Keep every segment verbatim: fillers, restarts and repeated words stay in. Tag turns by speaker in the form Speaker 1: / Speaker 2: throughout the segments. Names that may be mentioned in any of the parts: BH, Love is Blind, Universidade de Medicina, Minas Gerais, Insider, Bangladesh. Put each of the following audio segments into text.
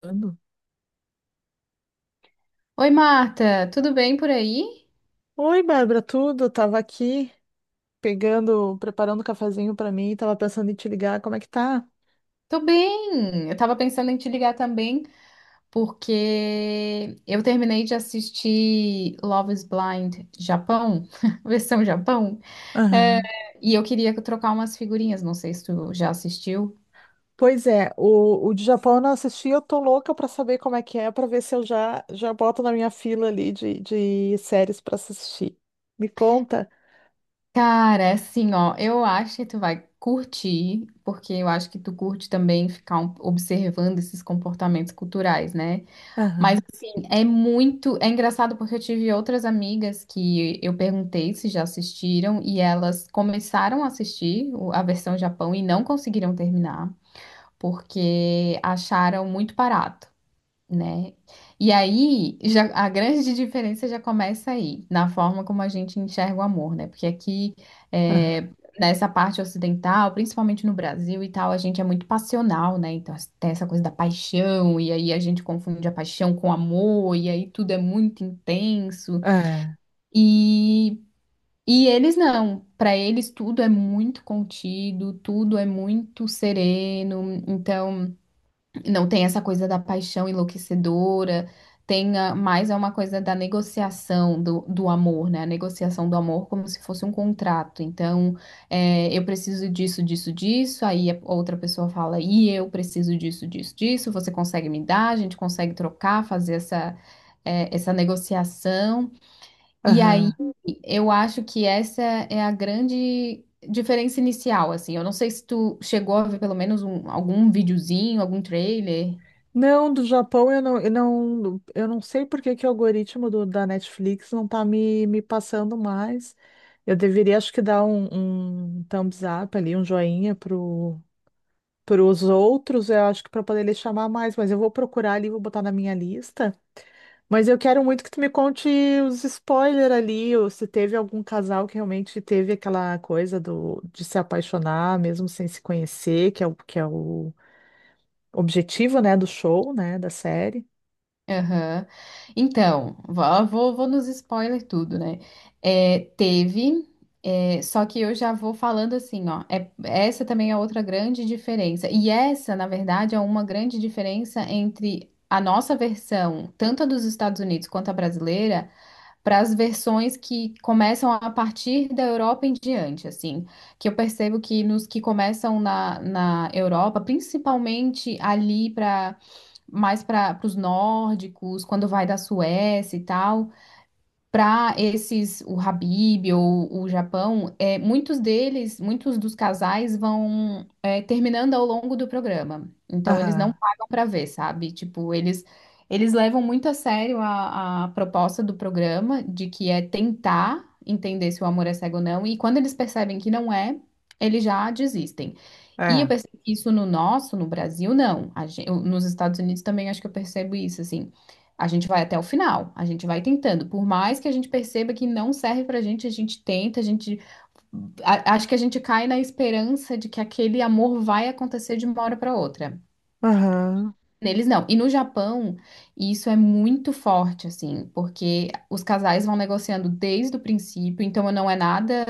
Speaker 1: Tudo.
Speaker 2: Oi, Marta, tudo bem por aí?
Speaker 1: Oi, Bárbara, tudo? Tava aqui pegando, preparando um cafezinho pra mim, tava pensando em te ligar, como é que tá?
Speaker 2: Tô bem. Eu tava pensando em te ligar também, porque eu terminei de assistir Love is Blind Japão, versão Japão, é,
Speaker 1: Aham.
Speaker 2: e eu queria trocar umas figurinhas, não sei se tu já assistiu.
Speaker 1: Pois é, o, o de Japão eu não assisti, eu tô louca pra saber como é que é, pra ver se eu já já boto na minha fila ali de, de séries pra assistir. Me conta?
Speaker 2: Cara, é assim, ó, eu acho que tu vai curtir, porque eu acho que tu curte também ficar um- observando esses comportamentos culturais, né? Mas
Speaker 1: Aham.
Speaker 2: assim, é muito, é engraçado porque eu tive outras amigas que eu perguntei se já assistiram e elas começaram a assistir o- a versão Japão e não conseguiram terminar porque acharam muito barato, né? E aí, já, a grande diferença já começa aí, na forma como a gente enxerga o amor, né? Porque aqui,
Speaker 1: Aham.
Speaker 2: é, nessa parte ocidental, principalmente no Brasil e tal, a gente é muito passional, né? Então, tem essa coisa da paixão, e aí a gente confunde a paixão com amor, e aí tudo é muito intenso.
Speaker 1: É.
Speaker 2: E. E eles não, para eles tudo é muito contido, tudo é muito sereno, então não tem essa coisa da paixão enlouquecedora, tem a- mais é uma coisa da negociação do, do amor, né? A negociação do amor como se fosse um contrato. Então, é, eu preciso disso, disso, disso. Aí a outra pessoa fala, e eu preciso disso, disso, disso. Você consegue me dar? A gente consegue trocar, fazer essa, é, essa negociação. E aí
Speaker 1: Aham.
Speaker 2: eu acho que essa é a grande diferença inicial, assim. Eu não sei se tu chegou a ver pelo menos um, algum videozinho, algum trailer.
Speaker 1: Não, do Japão eu não, eu não, eu não sei por que que o algoritmo do- da Netflix não tá me, me passando mais. Eu deveria, acho que dar um, um thumbs up ali, um joinha pro, pros outros, eu acho que para poder ele chamar mais, mas eu vou procurar ali, vou botar na minha lista. Mas eu quero muito que tu me conte os spoilers ali, ou se teve algum casal que realmente teve aquela coisa do, de se apaixonar, mesmo sem se conhecer, que é o, que é o objetivo, né, do show, né, da série.
Speaker 2: Aham. Então, vou, vou, vou nos spoiler tudo, né? É, teve, é, só que eu já vou falando assim, ó. É- essa também é outra grande diferença. E essa, na verdade, é uma grande diferença entre a nossa versão, tanto a dos Estados Unidos quanto a brasileira, para as versões que começam a partir da Europa em diante, assim. Que eu percebo que nos que começam na, na Europa, principalmente ali para mais para os nórdicos, quando vai da Suécia e tal. Para esses, o Habib ou o Japão, é, muitos deles, muitos dos casais vão é, terminando ao longo do programa. Então, eles não
Speaker 1: Aham,
Speaker 2: pagam para ver, sabe? Tipo, eles, eles levam muito a sério a, a proposta do programa, de que é tentar entender se o amor é cego ou não. E quando eles percebem que não é, eles já desistem. E eu
Speaker 1: é.
Speaker 2: percebo que isso no nosso, no Brasil, não. A gen- eu- nos Estados Unidos também acho que eu percebo isso, assim. A gente vai até o final, a gente vai tentando. Por mais que a gente perceba que não serve pra gente, a gente tenta, a gente. A- acho que a gente cai na esperança de que aquele amor vai acontecer de uma hora pra outra.
Speaker 1: Aham.
Speaker 2: Neles não. E no Japão, isso é muito forte, assim, porque os casais vão negociando desde o princípio, então não é nada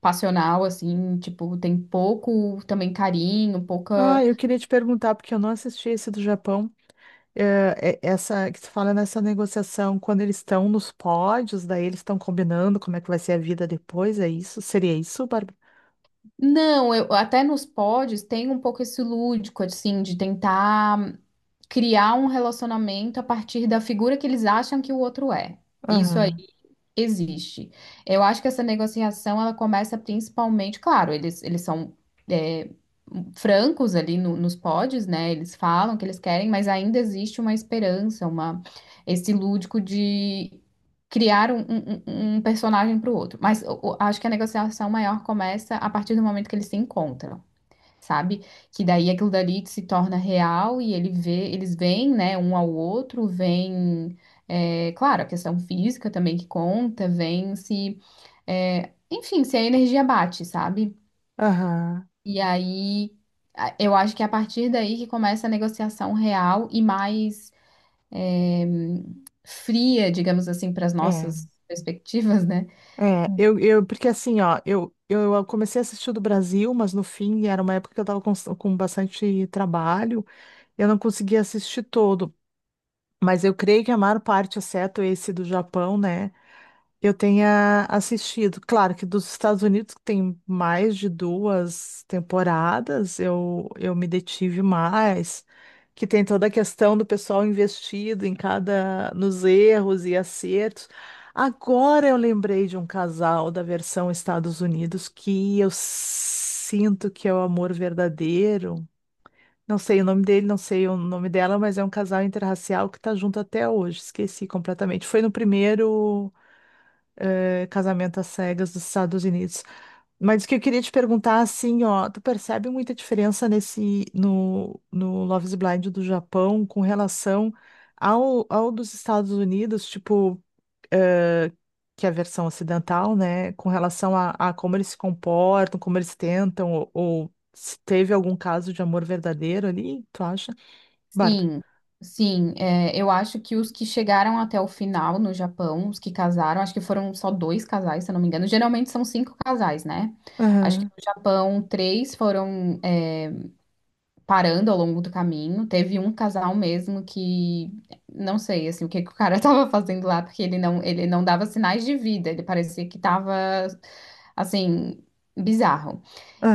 Speaker 2: passional, assim, tipo, tem pouco também carinho,
Speaker 1: Ah,
Speaker 2: pouca.
Speaker 1: eu queria te perguntar, porque eu não assisti esse do Japão, é, é- essa que se fala nessa negociação, quando eles estão nos pódios, daí eles estão combinando como é que vai ser a vida depois, é isso? Seria isso, Bárbara?
Speaker 2: Não, eu, até nos pods tem um pouco esse lúdico, assim, de tentar criar um relacionamento a partir da figura que eles acham que o outro é. Isso aí
Speaker 1: Aham,
Speaker 2: existe. Eu acho que essa negociação ela começa principalmente, claro, eles, eles são é, francos ali no- nos pods, né? Eles falam o que eles querem, mas ainda existe uma esperança, uma, esse lúdico de criar um, um- um- um personagem para o outro. Mas o- o- acho que a negociação maior começa a partir do momento que eles se encontram, sabe? Que daí aquilo dali se torna real e ele vê, eles veem, né, um ao outro, vem, é, claro, a questão física também que conta, vem se, é, enfim, se a energia bate, sabe?
Speaker 1: aham.
Speaker 2: E aí a- eu acho que é a partir daí que começa a negociação real e mais é, fria, digamos assim, para as
Speaker 1: É,
Speaker 2: nossas perspectivas, né?
Speaker 1: é, eu, eu, porque assim, ó, eu, eu comecei a assistir o do Brasil, mas no fim era uma época que eu tava com, com bastante trabalho, eu não conseguia assistir todo, mas eu creio que a maior parte, exceto esse do Japão, né? Eu tenha assistido. Claro que dos Estados Unidos, que tem mais de duas temporadas, eu, eu me detive mais, que tem toda a questão do pessoal investido em cada, nos erros e acertos. Agora eu lembrei de um casal da versão Estados Unidos que eu sinto que é o amor verdadeiro. Não sei o nome dele, não sei o nome dela, mas é um casal interracial que está junto até hoje. Esqueci completamente. Foi no primeiro eh, casamento às cegas dos Estados Unidos. Mas o que eu queria te perguntar, assim, ó, tu percebe muita diferença nesse, no, no Love is Blind do Japão com relação ao, ao dos Estados Unidos, tipo, eh, que é a versão ocidental, né, com relação a, a como eles se comportam, como eles tentam, ou, ou se teve algum caso de amor verdadeiro ali, tu acha? Bárbara.
Speaker 2: Sim, sim. é, eu acho que os que chegaram até o final no Japão, os que casaram, acho que foram só dois casais, se eu não me engano. Geralmente são cinco casais, né? Acho que
Speaker 1: Aham,
Speaker 2: no Japão, três foram, é, parando ao longo do caminho. Teve um casal mesmo que não sei assim, o que que o cara estava fazendo lá, porque ele não, ele não dava sinais de vida, ele parecia que estava assim, bizarro.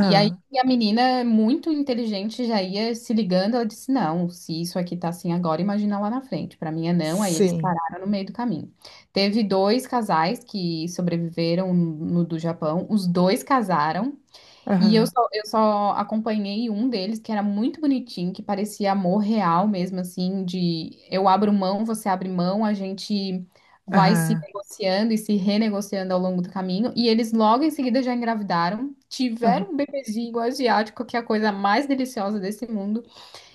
Speaker 2: E aí a menina, muito inteligente, já ia se ligando. Ela disse: Não, se isso aqui tá assim agora, imagina lá na frente. Para mim é não. Aí eles
Speaker 1: sim,
Speaker 2: pararam no meio do caminho. Teve dois casais que sobreviveram no do Japão. Os dois casaram. E eu
Speaker 1: aham,
Speaker 2: só, eu só acompanhei um deles que era muito bonitinho, que parecia amor real mesmo, assim, de eu abro mão, você abre mão, a gente vai se
Speaker 1: aham,
Speaker 2: negociando e se renegociando ao longo do caminho. E eles logo em seguida já engravidaram,
Speaker 1: aham,
Speaker 2: tiveram um bebezinho asiático, que é a coisa mais deliciosa desse mundo.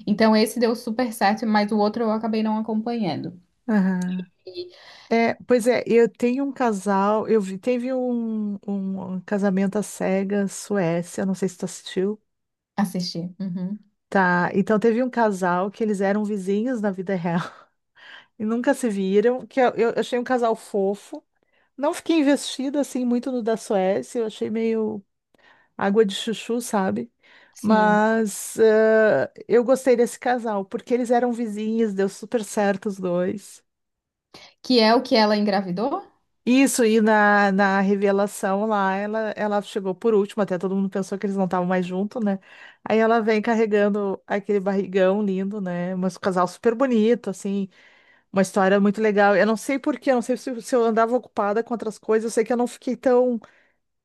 Speaker 2: Então esse deu super certo, mas o outro eu acabei não acompanhando.
Speaker 1: aham.
Speaker 2: E
Speaker 1: É, pois é, eu tenho um casal, eu vi, teve um, um casamento à cegas, Suécia, não sei se tu assistiu,
Speaker 2: assisti. Uhum.
Speaker 1: tá? Então teve um casal que eles eram vizinhos na vida real e nunca se viram, que eu, eu achei um casal fofo. Não fiquei investida assim muito no da Suécia, eu achei meio água de chuchu, sabe?
Speaker 2: Sim.
Speaker 1: Mas eh, eu gostei desse casal, porque eles eram vizinhos, deu super certo os dois.
Speaker 2: Que é o que ela engravidou?
Speaker 1: Isso, e na, na revelação lá, ela, ela chegou por último, até todo mundo pensou que eles não estavam mais juntos, né? Aí ela vem carregando aquele barrigão lindo, né? Mas um casal super bonito, assim, uma história muito legal. Eu não sei por quê, eu não sei se, se eu andava ocupada com outras coisas, eu sei que eu não fiquei tão,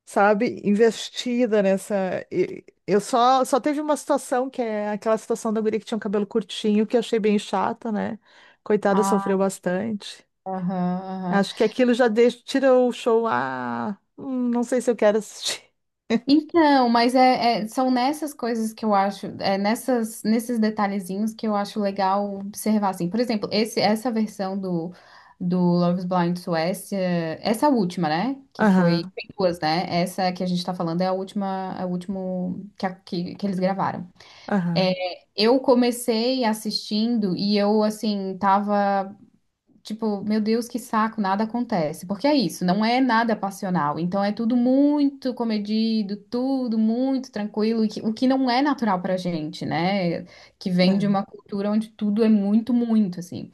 Speaker 1: sabe, investida nessa. e- Eu só, só teve uma situação, que é aquela situação da guria que tinha um cabelo curtinho, que eu achei bem chata, né? Coitada, sofreu
Speaker 2: Ai, sim.
Speaker 1: bastante.
Speaker 2: Aham, aham.
Speaker 1: Acho que aquilo já deixa, tira o show. Ah, hum, não sei se eu quero assistir.
Speaker 2: Então, mas é, é- são nessas coisas que eu acho, é nessas, nesses detalhezinhos que eu acho legal observar, assim. Por exemplo, esse, essa versão do, do Love is Blind Suécia, essa última, né? Que foi,
Speaker 1: Aham,
Speaker 2: tem duas, né? Essa que a gente tá falando é a última, a último que, a- que, que eles gravaram. É,
Speaker 1: aham,
Speaker 2: eu comecei assistindo e eu, assim, tava tipo, meu Deus, que saco, nada acontece. Porque é isso, não é nada passional. Então é tudo muito comedido, tudo muito tranquilo, e que- o que não é natural pra gente, né? Que vem de
Speaker 1: aham,
Speaker 2: uma cultura onde tudo é muito, muito, assim.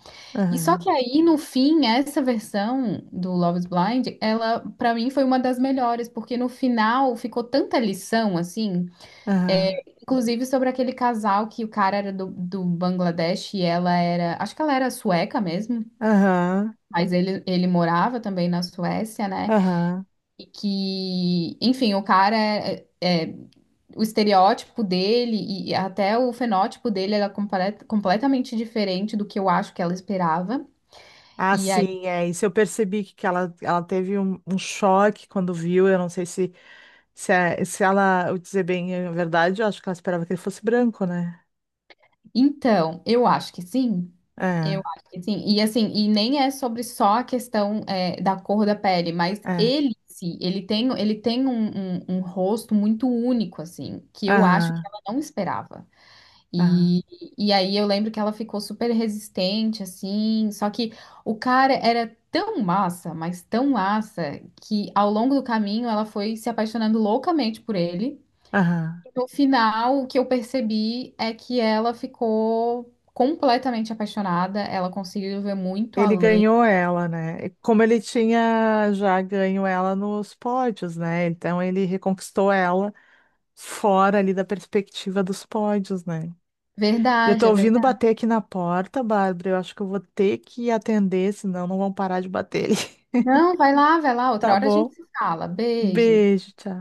Speaker 2: E só que
Speaker 1: aham,
Speaker 2: aí, no fim, essa versão do Love is Blind, ela, pra mim, foi uma das melhores, porque no final ficou tanta lição, assim, é,
Speaker 1: aham,
Speaker 2: inclusive sobre aquele casal que o cara era do, do Bangladesh e ela era, acho que ela era sueca mesmo.
Speaker 1: aham,
Speaker 2: Mas ele, ele morava também na Suécia, né?
Speaker 1: aham.
Speaker 2: E que, enfim, o cara é, é- é, o estereótipo dele e e até o fenótipo dele era complet- completamente diferente do que eu acho que ela esperava.
Speaker 1: Ah,
Speaker 2: E aí,
Speaker 1: sim, é isso. Eu percebi que que ela, ela teve um, um choque quando viu. Eu não sei se, se, é- se ela, eu dizer bem a verdade, eu acho que ela esperava que ele fosse branco, né?
Speaker 2: então, eu acho que sim. Eu
Speaker 1: É,
Speaker 2: acho que sim. E assim, e nem é sobre só a questão é, da cor da pele, mas
Speaker 1: é.
Speaker 2: ele, sim, ele tem, ele tem um, um um rosto muito único, assim, que eu acho que
Speaker 1: Aham,
Speaker 2: ela não esperava.
Speaker 1: aham,
Speaker 2: E, e aí eu lembro que ela ficou super resistente, assim, só que o cara era tão massa, mas tão massa, que ao longo do caminho ela foi se apaixonando loucamente por ele.
Speaker 1: aham.
Speaker 2: No final, o que eu percebi é que ela ficou completamente apaixonada, ela conseguiu ver muito
Speaker 1: Ele
Speaker 2: além.
Speaker 1: ganhou ela, né? E como ele tinha já ganho ela nos pódios, né? Então ele reconquistou ela fora ali da perspectiva dos pódios, né? Eu
Speaker 2: Verdade,
Speaker 1: tô
Speaker 2: é
Speaker 1: ouvindo
Speaker 2: verdade.
Speaker 1: bater aqui na porta, Bárbara. Eu acho que eu vou ter que atender, senão não vão parar de bater ali.
Speaker 2: Não, vai lá, vai lá, outra
Speaker 1: Tá
Speaker 2: hora a gente
Speaker 1: bom?
Speaker 2: se fala. Beijo.
Speaker 1: Beijo, tchau.